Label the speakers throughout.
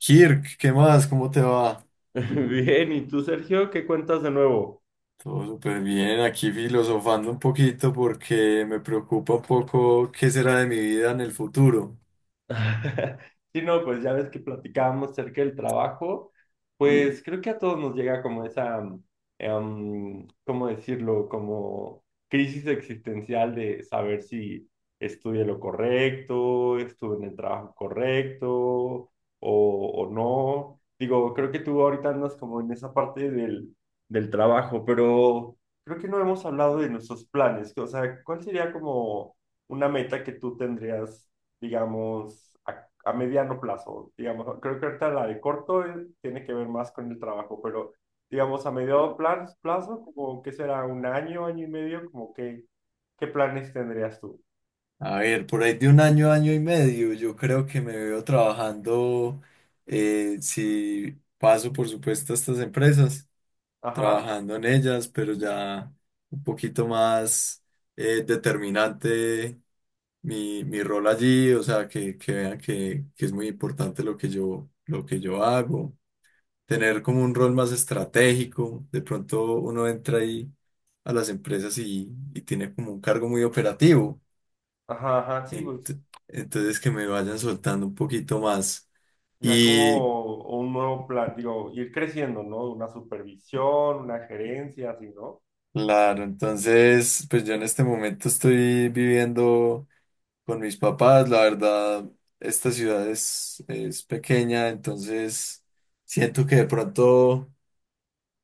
Speaker 1: Kirk, ¿qué más? ¿Cómo te va?
Speaker 2: Bien, ¿y tú, Sergio, qué cuentas de nuevo?
Speaker 1: Todo súper bien, aquí filosofando un poquito porque me preocupa un poco qué será de mi vida en el futuro.
Speaker 2: Sí, no, pues ya ves que platicábamos acerca del trabajo, pues creo que a todos nos llega como esa, ¿cómo decirlo? Como crisis existencial de saber si estudié lo correcto, estuve en el trabajo correcto o no. Digo, creo que tú ahorita andas como en esa parte del trabajo, pero creo que no hemos hablado de nuestros planes. O sea, ¿cuál sería como una meta que tú tendrías? Digamos, a mediano plazo. Digamos, creo que ahorita la de corto tiene que ver más con el trabajo, pero digamos, a mediano plazo, plazo como que será un año, año y medio, como que, ¿qué planes tendrías tú?
Speaker 1: A ver, por ahí de un año, año y medio, yo creo que me veo trabajando, si paso por supuesto a estas empresas,
Speaker 2: Ajá,
Speaker 1: trabajando en ellas, pero ya un poquito más determinante mi rol allí, o sea, que vean que es muy importante lo que yo hago, tener como un rol más estratégico. De pronto uno entra ahí a las empresas y tiene como un cargo muy operativo.
Speaker 2: ajá, sí,
Speaker 1: Ent-
Speaker 2: pues
Speaker 1: entonces que me vayan soltando un poquito más.
Speaker 2: ya
Speaker 1: Y
Speaker 2: como un nuevo plan, digo, ir creciendo, ¿no? Una supervisión, una gerencia, así, ¿no?
Speaker 1: claro, entonces pues yo en este momento estoy viviendo con mis papás. La verdad, esta ciudad es pequeña, entonces siento que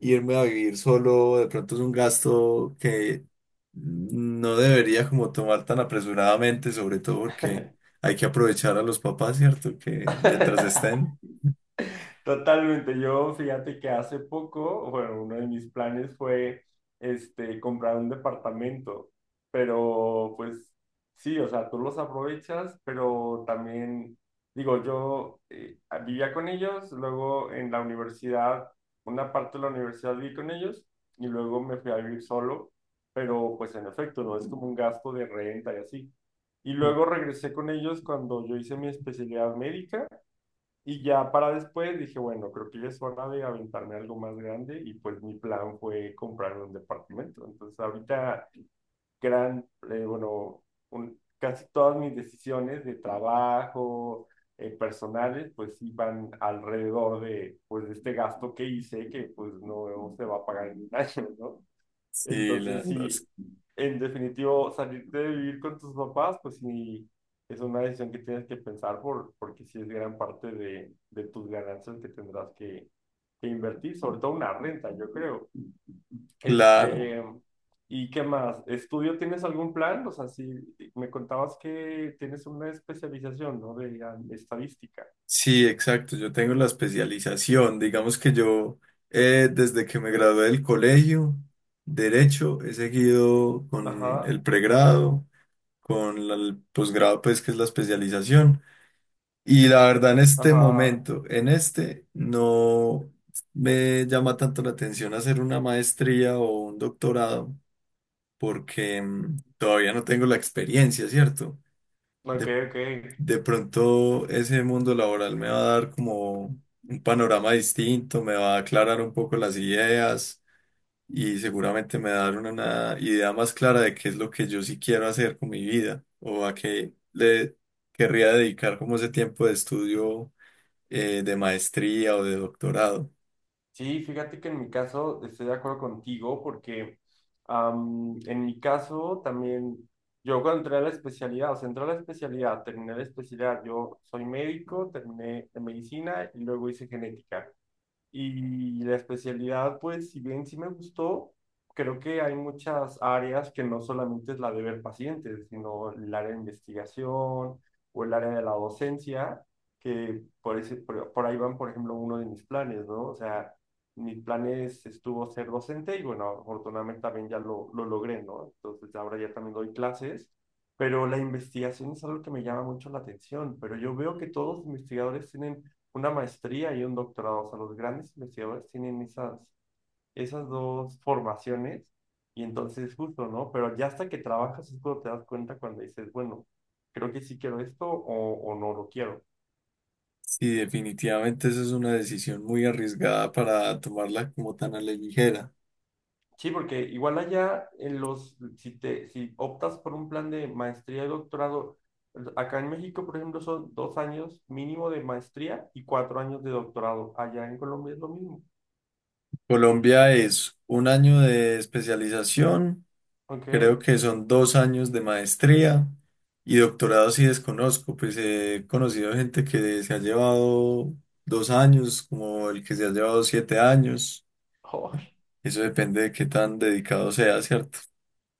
Speaker 1: irme a vivir solo, de pronto, es un gasto que no debería como tomar tan apresuradamente, sobre todo porque hay que aprovechar a los papás, ¿cierto? Que mientras estén.
Speaker 2: Totalmente. Yo, fíjate que hace poco, bueno, uno de mis planes fue, este, comprar un departamento, pero pues sí, o sea, tú los aprovechas, pero también, digo, yo vivía con ellos, luego en la universidad, una parte de la universidad viví con ellos y luego me fui a vivir solo, pero pues en efecto, no es como un gasto de renta y así. Y luego regresé con ellos cuando yo hice mi especialidad médica y ya para después dije, bueno, creo que ya es hora de aventarme algo más grande y pues mi plan fue comprar un departamento. Entonces ahorita gran, eh, bueno, casi todas mis decisiones de trabajo, personales, pues iban alrededor de, pues, de este gasto que hice que pues no se va a pagar en un año, ¿no?
Speaker 1: Sí,
Speaker 2: Entonces, sí, en definitivo, salirte de vivir con tus papás, pues sí, es una decisión que tienes que pensar porque sí es gran parte de tus ganancias que tendrás que invertir, sobre todo una renta, yo creo.
Speaker 1: claro.
Speaker 2: Este, ¿y qué más? ¿Estudio tienes algún plan? O sea, si me contabas que tienes una especialización, ¿no? De ah, estadística.
Speaker 1: Sí, exacto. Yo tengo la especialización. Digamos que desde que me gradué del colegio, Derecho, he seguido con el
Speaker 2: Ajá,
Speaker 1: pregrado, con el posgrado, pues, que es la especialización. Y la verdad, en este
Speaker 2: ajá,
Speaker 1: momento, no me llama tanto la atención hacer una maestría o un doctorado, porque todavía no tengo la experiencia, ¿cierto?
Speaker 2: ok,
Speaker 1: De,
Speaker 2: ok.
Speaker 1: de pronto ese mundo laboral me va a dar como un panorama distinto, me va a aclarar un poco las ideas y seguramente me va a dar una idea más clara de qué es lo que yo sí quiero hacer con mi vida o a qué le querría dedicar como ese tiempo de estudio, de maestría o de doctorado.
Speaker 2: Sí, fíjate que en mi caso estoy de acuerdo contigo porque en mi caso también, yo cuando entré a la especialidad, o sea, entré a la especialidad, terminé la especialidad, yo soy médico, terminé en medicina y luego hice genética. Y la especialidad, pues, si bien sí me gustó, creo que hay muchas áreas que no solamente es la de ver pacientes, sino el área de investigación o el área de la docencia, que por ahí van, por ejemplo, uno de mis planes, ¿no? O sea, mis planes estuvo ser docente y bueno, afortunadamente también ya lo logré, ¿no? Entonces ahora ya también doy clases, pero la investigación es algo que me llama mucho la atención, pero yo veo que todos los investigadores tienen una maestría y un doctorado. O sea, los grandes investigadores tienen esas dos formaciones y entonces justo, ¿no? Pero ya hasta que trabajas es cuando te das cuenta cuando dices, bueno, creo que sí quiero esto o no lo quiero.
Speaker 1: Sí, definitivamente esa es una decisión muy arriesgada para tomarla como tan a la ligera.
Speaker 2: Sí, porque igual allá en los, si te, si optas por un plan de maestría y doctorado, acá en México, por ejemplo, son dos años mínimo de maestría y cuatro años de doctorado. Allá en Colombia es lo mismo.
Speaker 1: Colombia es un año de especialización,
Speaker 2: ¿Ok?
Speaker 1: creo que son 2 años de maestría y doctorado sí desconozco, pues he conocido gente que se ha llevado 2 años, como el que se ha llevado 7 años.
Speaker 2: Oh.
Speaker 1: Eso depende de qué tan dedicado sea, ¿cierto?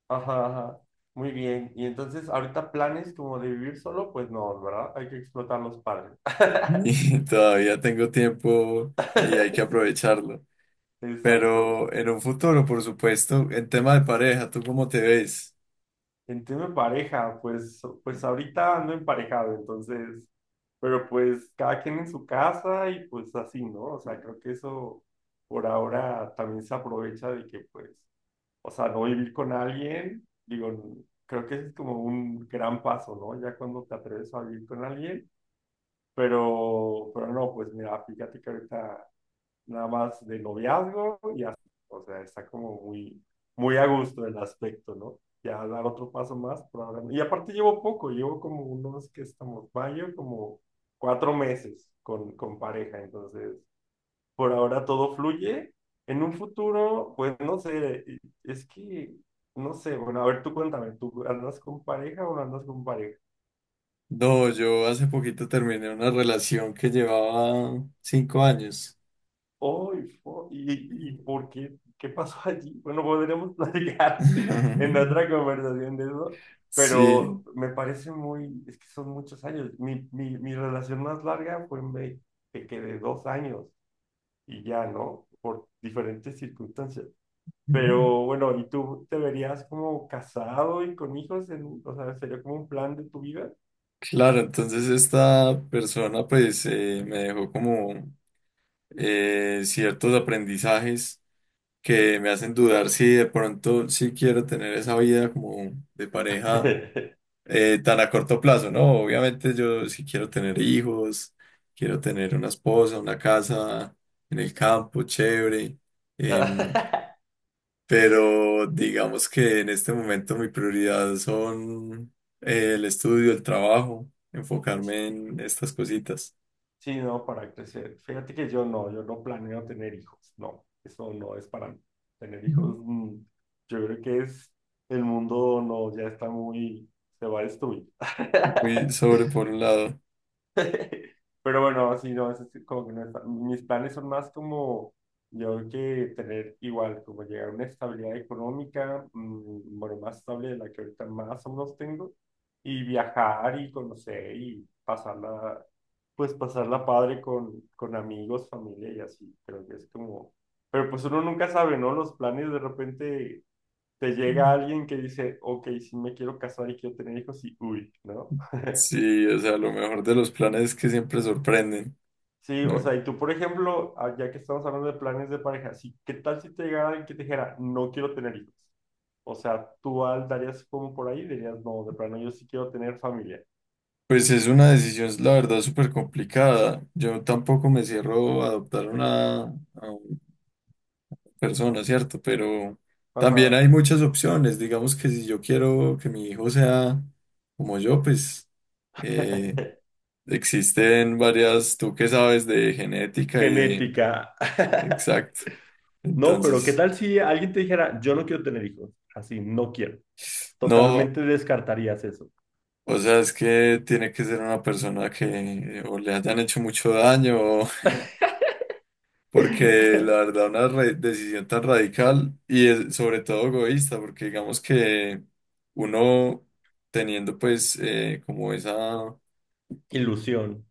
Speaker 2: Ajá, ajá. Muy bien. Y entonces, ahorita planes como de vivir solo, pues no, ¿verdad? Hay que explotar los padres.
Speaker 1: Y todavía tengo tiempo y hay que aprovecharlo.
Speaker 2: Exacto.
Speaker 1: Pero en un futuro, por supuesto, en tema de pareja, ¿tú cómo te ves?
Speaker 2: En tema de pareja, pues, pues ahorita ando emparejado, entonces, pero pues cada quien en su casa y pues así, ¿no? O sea, creo que eso por ahora también se aprovecha de que, pues, o sea, no vivir con alguien, digo, creo que ese es como un gran paso, ¿no? Ya cuando te atreves a vivir con alguien. Pero no, pues mira, fíjate que ahorita nada más de noviazgo y así, o sea, está como muy a gusto el aspecto, ¿no? Ya dar otro paso más, probablemente. Y aparte llevo poco, llevo como unos que estamos, mayo, como cuatro meses con pareja, entonces por ahora todo fluye. En un futuro, pues no sé, es que, no sé, bueno, a ver, tú cuéntame, ¿tú andas con pareja o no andas con pareja?
Speaker 1: No, yo hace poquito terminé una relación que llevaba 5 años.
Speaker 2: Hoy, fo- y por qué? ¿Qué pasó allí? Bueno, podremos platicar en otra conversación de eso, pero
Speaker 1: Sí,
Speaker 2: me parece muy, es que son muchos años. Mi relación más larga fue en ve- que quedé dos años y ya, ¿no? Por diferentes circunstancias. Pero bueno, ¿y tú te verías como casado y con hijos? En, o sea, ¿sería como un plan de tu vida?
Speaker 1: claro, entonces esta persona pues me dejó como ciertos aprendizajes que me hacen dudar si de pronto sí quiero tener esa vida como de pareja, tan a corto plazo, ¿no? Obviamente yo si quiero tener hijos, quiero tener una esposa, una casa en el campo, chévere. em, pero digamos que en este momento mi prioridad son, el estudio, el trabajo, enfocarme en estas cositas.
Speaker 2: Sí, no, para crecer. Fíjate que yo no planeo tener hijos, no, eso no es para mí. Tener
Speaker 1: Ujú.
Speaker 2: hijos, yo creo que es, el mundo no, ya está muy, se va a destruir.
Speaker 1: Muy sobre por un lado.
Speaker 2: Pero bueno, sí, no, eso sí, como que no está. Mis planes son más como, yo creo que tener igual, como llegar a una estabilidad económica, bueno, más estable de la que ahorita más o menos tengo, y viajar y conocer y pasarla, pues pasarla padre con amigos, familia y así. Creo que es como, pero pues uno nunca sabe, ¿no? Los planes de repente te llega alguien que dice, ok, si me quiero casar y quiero tener hijos y uy, ¿no?
Speaker 1: Sí, o sea, lo mejor de los planes es que siempre sorprenden,
Speaker 2: Sí, o sea,
Speaker 1: ¿no?
Speaker 2: y tú, por ejemplo, ah, ya que estamos hablando de planes de pareja, sí, ¿qué tal si te llegara alguien que te dijera, no quiero tener hijos? O sea, tú al darías como por ahí, dirías, no, de plano, yo sí quiero tener familia.
Speaker 1: Pues es una decisión, la verdad, súper complicada. Yo tampoco me cierro a adoptar a una persona, ¿cierto? Pero también
Speaker 2: Ajá.
Speaker 1: hay muchas opciones. Digamos que si yo quiero que mi hijo sea como yo, pues eh, existen varias, tú que sabes de genética y de.
Speaker 2: Genética.
Speaker 1: Exacto.
Speaker 2: No, pero ¿qué
Speaker 1: Entonces,
Speaker 2: tal si alguien te dijera, yo no quiero tener hijos? Así, no quiero.
Speaker 1: no,
Speaker 2: Totalmente descartarías eso.
Speaker 1: o sea, es que tiene que ser una persona que o le hayan hecho mucho daño, porque la verdad una decisión tan radical y sobre todo egoísta, porque digamos que uno teniendo pues como esa
Speaker 2: Ilusión.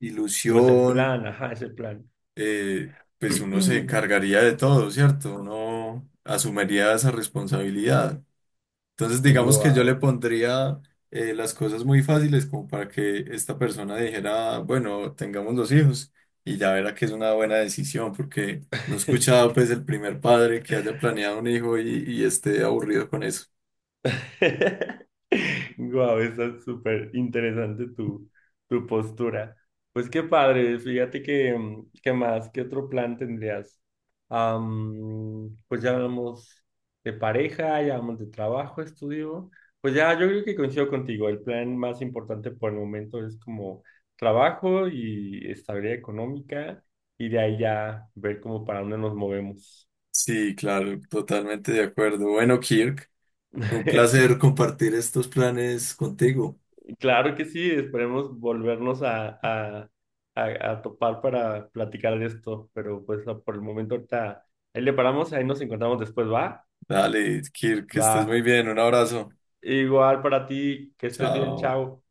Speaker 2: O ese
Speaker 1: ilusión,
Speaker 2: plan, ajá, ese plan.
Speaker 1: pues uno se encargaría de todo, ¿cierto? Uno asumiría esa responsabilidad. Entonces, digamos que yo le
Speaker 2: Wow.
Speaker 1: pondría, las cosas muy fáciles como para que esta persona dijera, bueno, tengamos dos hijos y ya verá que es una buena decisión, porque no he escuchado pues el primer padre que haya planeado un hijo y esté aburrido con eso.
Speaker 2: Guau, está súper interesante tu postura. Pues qué padre, fíjate que, ¿qué más? ¿Qué otro plan tendrías? Pues ya hablamos de pareja, ya hablamos de trabajo, estudio. Pues ya, yo creo que coincido contigo. El plan más importante por el momento es como trabajo y estabilidad económica, y de ahí ya ver como para dónde nos movemos.
Speaker 1: Sí, claro, totalmente de acuerdo. Bueno, Kirk, un placer compartir estos planes contigo.
Speaker 2: Claro que sí, esperemos volvernos a topar para platicar de esto, pero pues no, por el momento ahorita ahí le paramos, ahí nos encontramos después, ¿va?
Speaker 1: Dale, Kirk, que estés muy
Speaker 2: Va.
Speaker 1: bien. Un abrazo.
Speaker 2: Igual para ti, que estés bien,
Speaker 1: Chao.
Speaker 2: chao.